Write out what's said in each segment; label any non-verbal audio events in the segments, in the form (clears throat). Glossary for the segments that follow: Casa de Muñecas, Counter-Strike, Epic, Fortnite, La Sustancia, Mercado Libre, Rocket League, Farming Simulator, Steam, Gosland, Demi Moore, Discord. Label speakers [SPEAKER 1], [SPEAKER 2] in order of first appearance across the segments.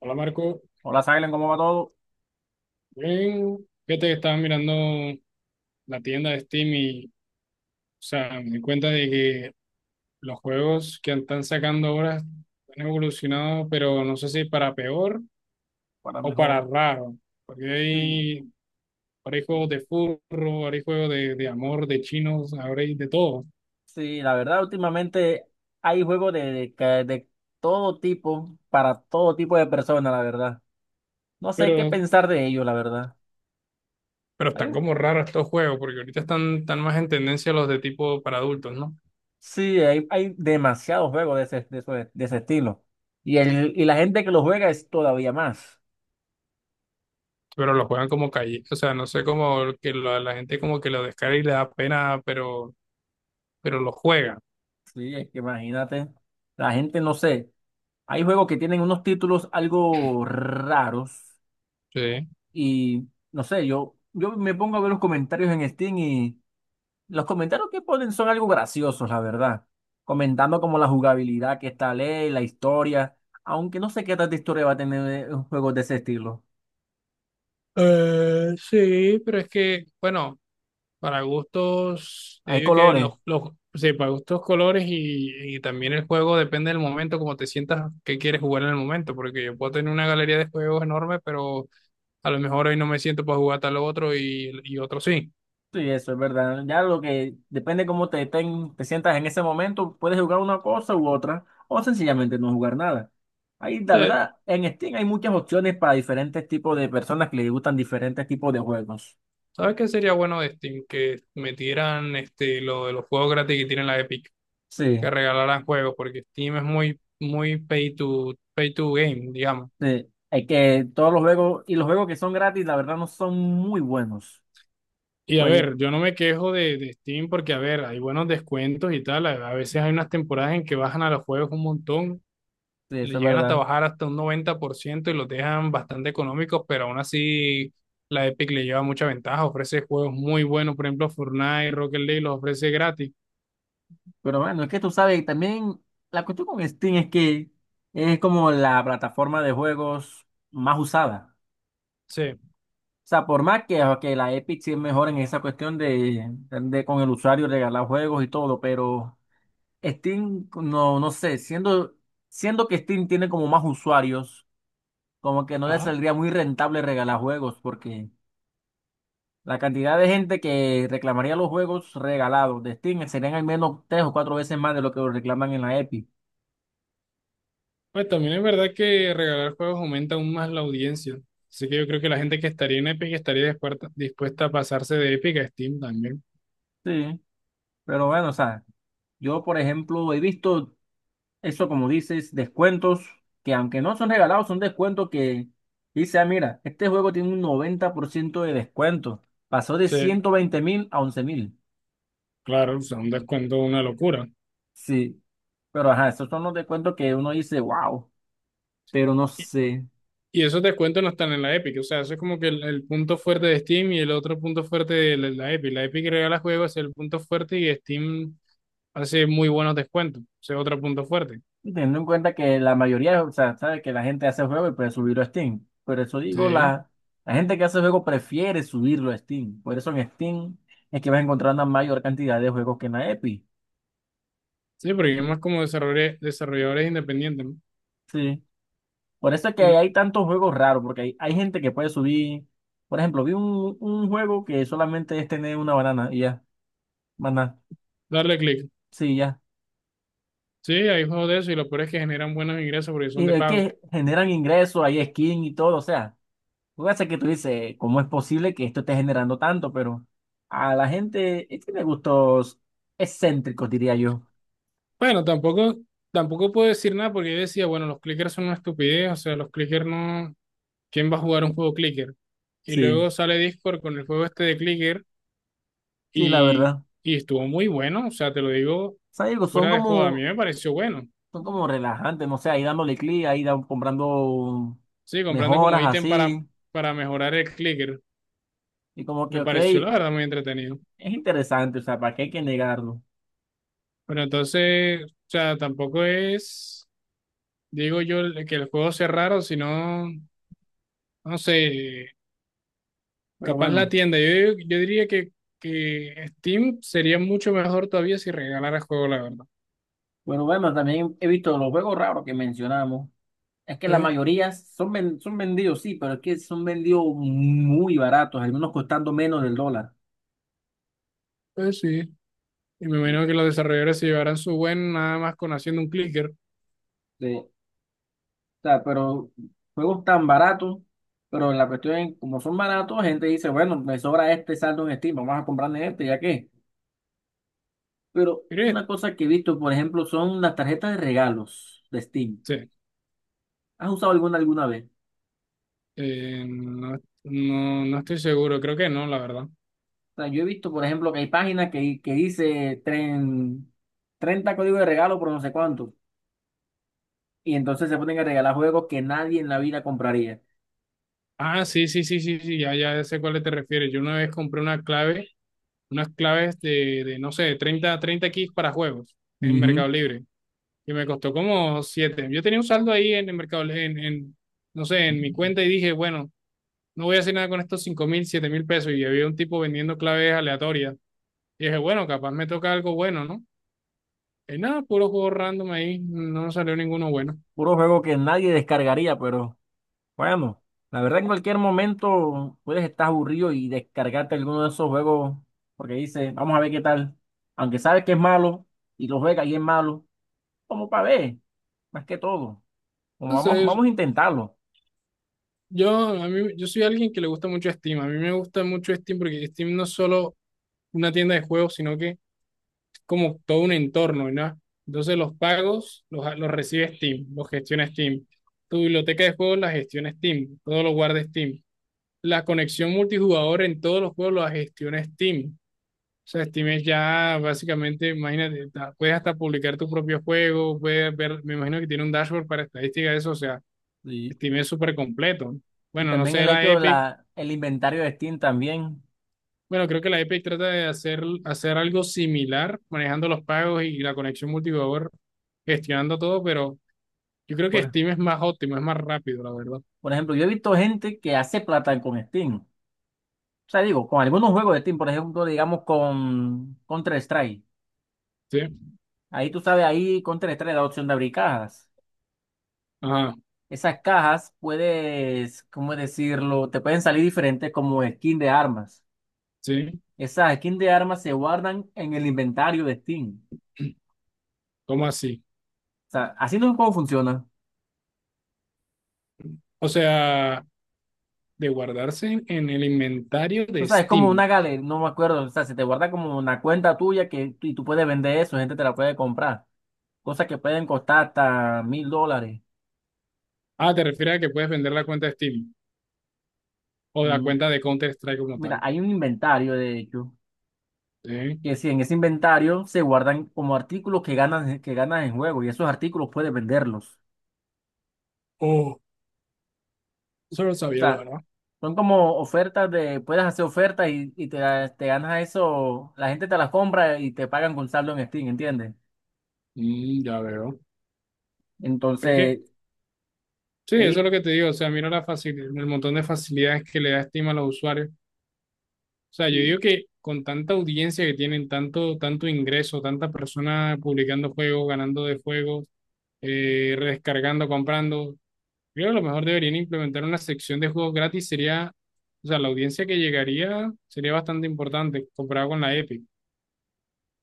[SPEAKER 1] Hola Marco,
[SPEAKER 2] Hola, Silen, ¿cómo va todo?
[SPEAKER 1] bien, fíjate que estaba mirando la tienda de Steam y, o sea, me di cuenta de que los juegos que están sacando ahora han evolucionado, pero no sé si para peor
[SPEAKER 2] Para
[SPEAKER 1] o para
[SPEAKER 2] mejor.
[SPEAKER 1] raro, porque
[SPEAKER 2] Sí,
[SPEAKER 1] hay, ahora hay juegos de furro, ahora hay juegos de, amor, de chinos, ahora hay de todo,
[SPEAKER 2] sí, la verdad, últimamente hay juegos de de todo tipo, para todo tipo de personas, la verdad. No sé qué
[SPEAKER 1] pero,
[SPEAKER 2] pensar de ellos, la verdad.
[SPEAKER 1] pero
[SPEAKER 2] Hay,
[SPEAKER 1] están como raros estos juegos, porque ahorita están, están más en tendencia los de tipo para adultos, ¿no?
[SPEAKER 2] sí, hay demasiados juegos de ese, de, ese de ese estilo. Y la gente que lo juega es todavía más.
[SPEAKER 1] Pero los juegan como calle, o sea, no sé cómo que la gente como que lo descarga y le da pena, pero lo juega.
[SPEAKER 2] Sí, es que imagínate, la gente no sé. Hay juegos que tienen unos títulos algo raros
[SPEAKER 1] Sí.
[SPEAKER 2] y no sé, yo me pongo a ver los comentarios en Steam. Los comentarios que ponen son algo graciosos, la verdad. Comentando como la jugabilidad que está ley, la historia. Aunque no sé qué tanta historia va a tener un juego de ese estilo.
[SPEAKER 1] Sí, pero es que, bueno, para gustos, yo
[SPEAKER 2] Hay
[SPEAKER 1] digo que
[SPEAKER 2] colores.
[SPEAKER 1] sí, para gustos colores y también el juego depende del momento, como te sientas que quieres jugar en el momento, porque yo puedo tener una galería de juegos enorme, pero a lo mejor hoy no me siento para jugar tal otro y otro sí.
[SPEAKER 2] Sí, eso es verdad. Ya lo que depende cómo te sientas en ese momento, puedes jugar una cosa u otra, o sencillamente no jugar nada. Ahí, la
[SPEAKER 1] Eh,
[SPEAKER 2] verdad, en Steam hay muchas opciones para diferentes tipos de personas que les gustan diferentes tipos de juegos.
[SPEAKER 1] ¿Sabes qué sería bueno de Steam? Que metieran este, lo de los juegos gratis que tienen la Epic, que
[SPEAKER 2] Sí,
[SPEAKER 1] regalaran juegos, porque Steam es muy, muy pay to, pay to game, digamos.
[SPEAKER 2] sí. Hay que todos los juegos, y los juegos que son gratis, la verdad, no son muy buenos.
[SPEAKER 1] Y a
[SPEAKER 2] Jueguito,
[SPEAKER 1] ver, yo no me quejo de Steam porque, a ver, hay buenos descuentos y tal. A veces hay unas temporadas en que bajan a los juegos un montón,
[SPEAKER 2] eso
[SPEAKER 1] le
[SPEAKER 2] es
[SPEAKER 1] llegan hasta
[SPEAKER 2] verdad.
[SPEAKER 1] bajar hasta un 90% y los dejan bastante económicos, pero aún así la Epic le lleva mucha ventaja. Ofrece juegos muy buenos, por ejemplo, Fortnite, Rocket League los ofrece gratis.
[SPEAKER 2] Pero bueno, es que tú sabes, también la cuestión con Steam es que es como la plataforma de juegos más usada.
[SPEAKER 1] Sí,
[SPEAKER 2] O sea, por más que la Epic sí es mejor en esa cuestión de con el usuario regalar juegos y todo, pero Steam, no, no sé, siendo que Steam tiene como más usuarios, como que no le
[SPEAKER 1] ajá.
[SPEAKER 2] saldría muy rentable regalar juegos, porque la cantidad de gente que reclamaría los juegos regalados de Steam serían al menos 3 o 4 veces más de lo que lo reclaman en la Epic.
[SPEAKER 1] Pues también es verdad que regalar juegos aumenta aún más la audiencia. Así que yo creo que la gente que estaría en Epic estaría dispuesta, dispuesta a pasarse de Epic a Steam también.
[SPEAKER 2] Sí, pero bueno, o sea, yo por ejemplo he visto eso como dices, descuentos que aunque no son regalados, son descuentos que dice, ah, mira, este juego tiene un 90% de descuento. Pasó de
[SPEAKER 1] Sí,
[SPEAKER 2] 120 mil a 11 mil.
[SPEAKER 1] claro, o sea, un descuento, una locura.
[SPEAKER 2] Sí, pero ajá, esos son los descuentos que uno dice, wow, pero no sé.
[SPEAKER 1] Y esos descuentos no están en la Epic, o sea, eso es como que el punto fuerte de Steam y el otro punto fuerte de la, la Epic. La Epic regala juegos, es el punto fuerte y Steam hace muy buenos descuentos, ese es otro punto fuerte.
[SPEAKER 2] Y teniendo en cuenta que la mayoría, o sea, sabe que la gente hace juego y puede subirlo a Steam. Por eso digo,
[SPEAKER 1] Sí,
[SPEAKER 2] la gente que hace juego prefiere subirlo a Steam. Por eso en Steam es que vas a encontrar una mayor cantidad de juegos que en la Epic.
[SPEAKER 1] sí, porque es más como desarrolladores, desarrolladores independientes, ¿no?
[SPEAKER 2] Sí. Por eso es que
[SPEAKER 1] Y
[SPEAKER 2] hay tantos juegos raros, porque hay gente que puede subir. Por ejemplo, vi un juego que solamente es tener una banana y ya. Banana.
[SPEAKER 1] darle clic.
[SPEAKER 2] Sí, ya.
[SPEAKER 1] Sí, hay juegos de eso y lo peor es que generan buenos ingresos porque
[SPEAKER 2] Y
[SPEAKER 1] son de
[SPEAKER 2] de
[SPEAKER 1] pago.
[SPEAKER 2] que generan ingresos, hay skin y todo, o sea. Lo que pasa es que tú dices, ¿cómo es posible que esto esté generando tanto? Pero a la gente es que tiene gustos excéntricos, diría yo.
[SPEAKER 1] Bueno, tampoco, tampoco puedo decir nada porque yo decía, bueno, los clickers son una estupidez, o sea, los clickers no, ¿quién va a jugar un juego clicker? Y
[SPEAKER 2] Sí,
[SPEAKER 1] luego sale Discord con el juego este de clicker
[SPEAKER 2] sí, la
[SPEAKER 1] y,
[SPEAKER 2] verdad. O
[SPEAKER 1] y estuvo muy bueno, o sea, te lo digo
[SPEAKER 2] sea, digo,
[SPEAKER 1] fuera de joda, a mí me pareció bueno.
[SPEAKER 2] son como relajantes, no sé, ahí dándole clic, comprando
[SPEAKER 1] Sí, comprando como
[SPEAKER 2] mejoras
[SPEAKER 1] ítem
[SPEAKER 2] así.
[SPEAKER 1] para mejorar el clicker,
[SPEAKER 2] Y como que,
[SPEAKER 1] me
[SPEAKER 2] ok,
[SPEAKER 1] pareció
[SPEAKER 2] es
[SPEAKER 1] la verdad muy entretenido.
[SPEAKER 2] interesante, o sea, ¿para qué hay que negarlo?
[SPEAKER 1] Pero entonces, o sea, tampoco es, digo yo, el- que el juego sea raro, sino, no sé,
[SPEAKER 2] Pero
[SPEAKER 1] capaz la
[SPEAKER 2] bueno,
[SPEAKER 1] tienda. Yo diría que Steam sería mucho mejor todavía si regalara el juego, la verdad.
[SPEAKER 2] bueno, también he visto los juegos raros que mencionamos. Es que la
[SPEAKER 1] Sí,
[SPEAKER 2] mayoría son, son vendidos, sí, pero es que son vendidos muy baratos, algunos costando menos del dólar.
[SPEAKER 1] pues sí. Y me imagino que los desarrolladores se llevarán su buen nada más con haciendo un clicker.
[SPEAKER 2] Sí, o sea, pero juegos tan baratos, pero la cuestión es, como son baratos, gente dice, bueno, me sobra este saldo en Steam, vamos a comprarle este, ya qué. Pero
[SPEAKER 1] Mire,
[SPEAKER 2] una cosa que he visto, por ejemplo, son las tarjetas de regalos de Steam.
[SPEAKER 1] sí.
[SPEAKER 2] ¿Has usado alguna vez?
[SPEAKER 1] No, no, no estoy seguro, creo que no, la verdad.
[SPEAKER 2] O sea, yo he visto, por ejemplo, que hay páginas que dice tren, 30 códigos de regalo por no sé cuánto. Y entonces se ponen a regalar juegos que nadie en la vida compraría.
[SPEAKER 1] Ah, sí, sí, sí, sí, sí, ya, ya sé cuál te refieres. Yo una vez compré una clave, unas claves de, no sé, de 30 30 keys para juegos en
[SPEAKER 2] Ujú.
[SPEAKER 1] Mercado Libre y me costó como siete. Yo tenía un saldo ahí en el Mercado, Li- no sé, en mi cuenta y dije, bueno, no voy a hacer nada con estos 5 mil, 7 mil pesos y había un tipo vendiendo claves aleatorias. Y dije, bueno, capaz me toca algo bueno, ¿no? Y nada, puro juego random ahí, no salió ninguno bueno.
[SPEAKER 2] Puro juego que nadie descargaría, pero bueno, la verdad en cualquier momento puedes estar aburrido y descargarte alguno de esos juegos porque dice, vamos a ver qué tal. Aunque sabes que es malo y lo juegas y es malo, como para ver, más que todo. Como vamos,
[SPEAKER 1] Entonces,
[SPEAKER 2] vamos a intentarlo.
[SPEAKER 1] Yo, a mí, yo soy alguien que le gusta mucho Steam. A mí me gusta mucho Steam porque Steam no es solo una tienda de juegos, sino que es como todo un entorno, ¿no? Entonces los pagos los recibe Steam, los gestiona Steam. Tu biblioteca de juegos la gestiona Steam, todo lo guarda Steam. La conexión multijugador en todos los juegos la gestiona Steam. O sea, Steam es ya básicamente, imagínate, ta- puedes hasta publicar tu propio juego, puedes ver, me imagino que tiene un dashboard para estadística de eso, o sea,
[SPEAKER 2] Sí.
[SPEAKER 1] Steam es súper completo.
[SPEAKER 2] Y
[SPEAKER 1] Bueno, no
[SPEAKER 2] también
[SPEAKER 1] sé,
[SPEAKER 2] el
[SPEAKER 1] la
[SPEAKER 2] hecho de
[SPEAKER 1] Epic.
[SPEAKER 2] la, el inventario de Steam también.
[SPEAKER 1] Bueno, creo que la Epic trata de hacer algo similar, manejando los pagos y la conexión multijugador, gestionando todo, pero yo creo que
[SPEAKER 2] Por,
[SPEAKER 1] Steam es más óptimo, es más rápido, la verdad.
[SPEAKER 2] por ejemplo, yo he visto gente que hace plata con Steam. O sea, digo, con algunos juegos de Steam, por ejemplo, digamos con Counter-Strike.
[SPEAKER 1] Sí,
[SPEAKER 2] Ahí tú sabes, ahí Counter-Strike da opción de abrir cajas.
[SPEAKER 1] ajá,
[SPEAKER 2] Esas cajas puedes, ¿cómo decirlo? Te pueden salir diferentes como skin de armas.
[SPEAKER 1] sí.
[SPEAKER 2] Esas skins de armas se guardan en el inventario de Steam.
[SPEAKER 1] (clears throat) ¿Cómo así?
[SPEAKER 2] O sea, así no es como funciona.
[SPEAKER 1] O sea, de guardarse en el inventario
[SPEAKER 2] O
[SPEAKER 1] de
[SPEAKER 2] sea, es como una
[SPEAKER 1] Steam.
[SPEAKER 2] galería, no me acuerdo. O sea, se te guarda como una cuenta tuya que y tú puedes vender eso, gente te la puede comprar. Cosas que pueden costar hasta $1.000.
[SPEAKER 1] Ah, te refieres a que puedes vender la cuenta de Steam o la
[SPEAKER 2] Mm,
[SPEAKER 1] cuenta de Counter-Strike como
[SPEAKER 2] mira,
[SPEAKER 1] tal.
[SPEAKER 2] hay un inventario, de hecho,
[SPEAKER 1] Sí.
[SPEAKER 2] que si en ese inventario se guardan como artículos que ganas, en juego y esos artículos puedes venderlos.
[SPEAKER 1] Oh, eso lo
[SPEAKER 2] O
[SPEAKER 1] sabía, la
[SPEAKER 2] sea,
[SPEAKER 1] verdad.
[SPEAKER 2] son como ofertas de, puedes hacer ofertas y te ganas eso, la gente te las compra y te pagan con saldo en Steam, ¿entiendes?
[SPEAKER 1] Mm, ya veo. Pero es que,
[SPEAKER 2] Entonces,
[SPEAKER 1] sí,
[SPEAKER 2] he
[SPEAKER 1] eso es lo
[SPEAKER 2] visto,
[SPEAKER 1] que te digo. O sea, mira la facilidad, el montón de facilidades que le da Steam a los usuarios. O sea, yo
[SPEAKER 2] y-
[SPEAKER 1] digo que con tanta audiencia que tienen, tanto, tanto ingreso, tantas personas publicando juegos, ganando de juegos, rescargando, comprando, creo que a lo mejor deberían implementar una sección de juegos gratis. Sería, o sea, la audiencia que llegaría sería bastante importante comparado con la Epic. O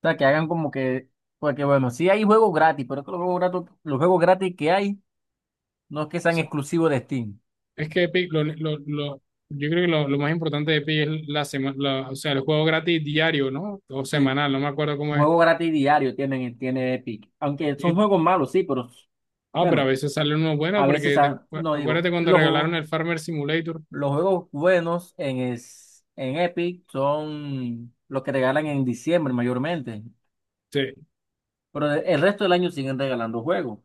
[SPEAKER 2] o sea, que hagan como que, porque bueno, sí hay juegos gratis, pero es que los juegos gratis que hay no es que sean
[SPEAKER 1] sea,
[SPEAKER 2] exclusivos de Steam.
[SPEAKER 1] es que Epic, lo- yo creo que lo más importante de Epic es la, semana o sea, el juego gratis diario, ¿no? O
[SPEAKER 2] Sí,
[SPEAKER 1] semanal, no me acuerdo cómo
[SPEAKER 2] un juego gratis diario tienen, tiene Epic. Aunque son
[SPEAKER 1] es.
[SPEAKER 2] juegos malos, sí, pero
[SPEAKER 1] Ah, pero a
[SPEAKER 2] bueno,
[SPEAKER 1] veces sale uno bueno
[SPEAKER 2] a veces,
[SPEAKER 1] porque te-
[SPEAKER 2] ah, no
[SPEAKER 1] acuérdate
[SPEAKER 2] digo,
[SPEAKER 1] cuando regalaron
[SPEAKER 2] los,
[SPEAKER 1] el Farmer Simulator.
[SPEAKER 2] Los juegos buenos en, en Epic son los que regalan en diciembre mayormente,
[SPEAKER 1] Sí.
[SPEAKER 2] pero el resto del año siguen regalando juegos.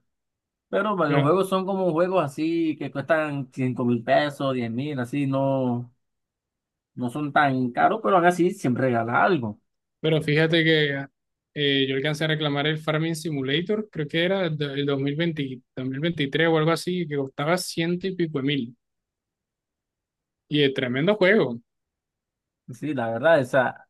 [SPEAKER 2] Pero bueno, los
[SPEAKER 1] Pero,
[SPEAKER 2] juegos son como juegos así que cuestan 5.000 pesos, 10.000, así no, no son tan caros, pero aún así siempre regala algo.
[SPEAKER 1] pero fíjate que yo alcancé a reclamar el Farming Simulator, creo que era do- el 2020, 2023 o algo así, que costaba ciento y pico de mil. Y es tremendo juego,
[SPEAKER 2] Sí, la verdad, esa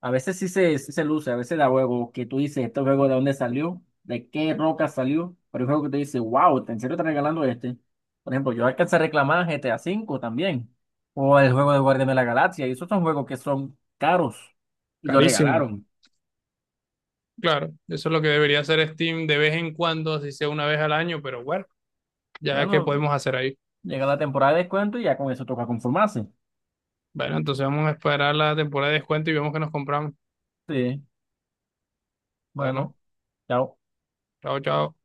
[SPEAKER 2] a veces sí se luce, a veces da juego que tú dices, este juego de dónde salió, de qué roca salió, pero hay juego que tú dices, wow, ¿en serio está regalando este? Por ejemplo, yo alcancé a reclamar GTA V también, o el juego de Guardianes de la Galaxia, y esos son juegos que son caros, y lo
[SPEAKER 1] carísimo.
[SPEAKER 2] regalaron.
[SPEAKER 1] Claro, eso es lo que debería hacer Steam de vez en cuando, así sea una vez al año, pero bueno, ya que
[SPEAKER 2] Bueno,
[SPEAKER 1] podemos hacer ahí.
[SPEAKER 2] llega la temporada de descuento y ya con eso toca conformarse.
[SPEAKER 1] Bueno, entonces vamos a esperar la temporada de descuento y vemos que nos compramos.
[SPEAKER 2] Sí,
[SPEAKER 1] Bueno,
[SPEAKER 2] bueno, chao.
[SPEAKER 1] chao, chao.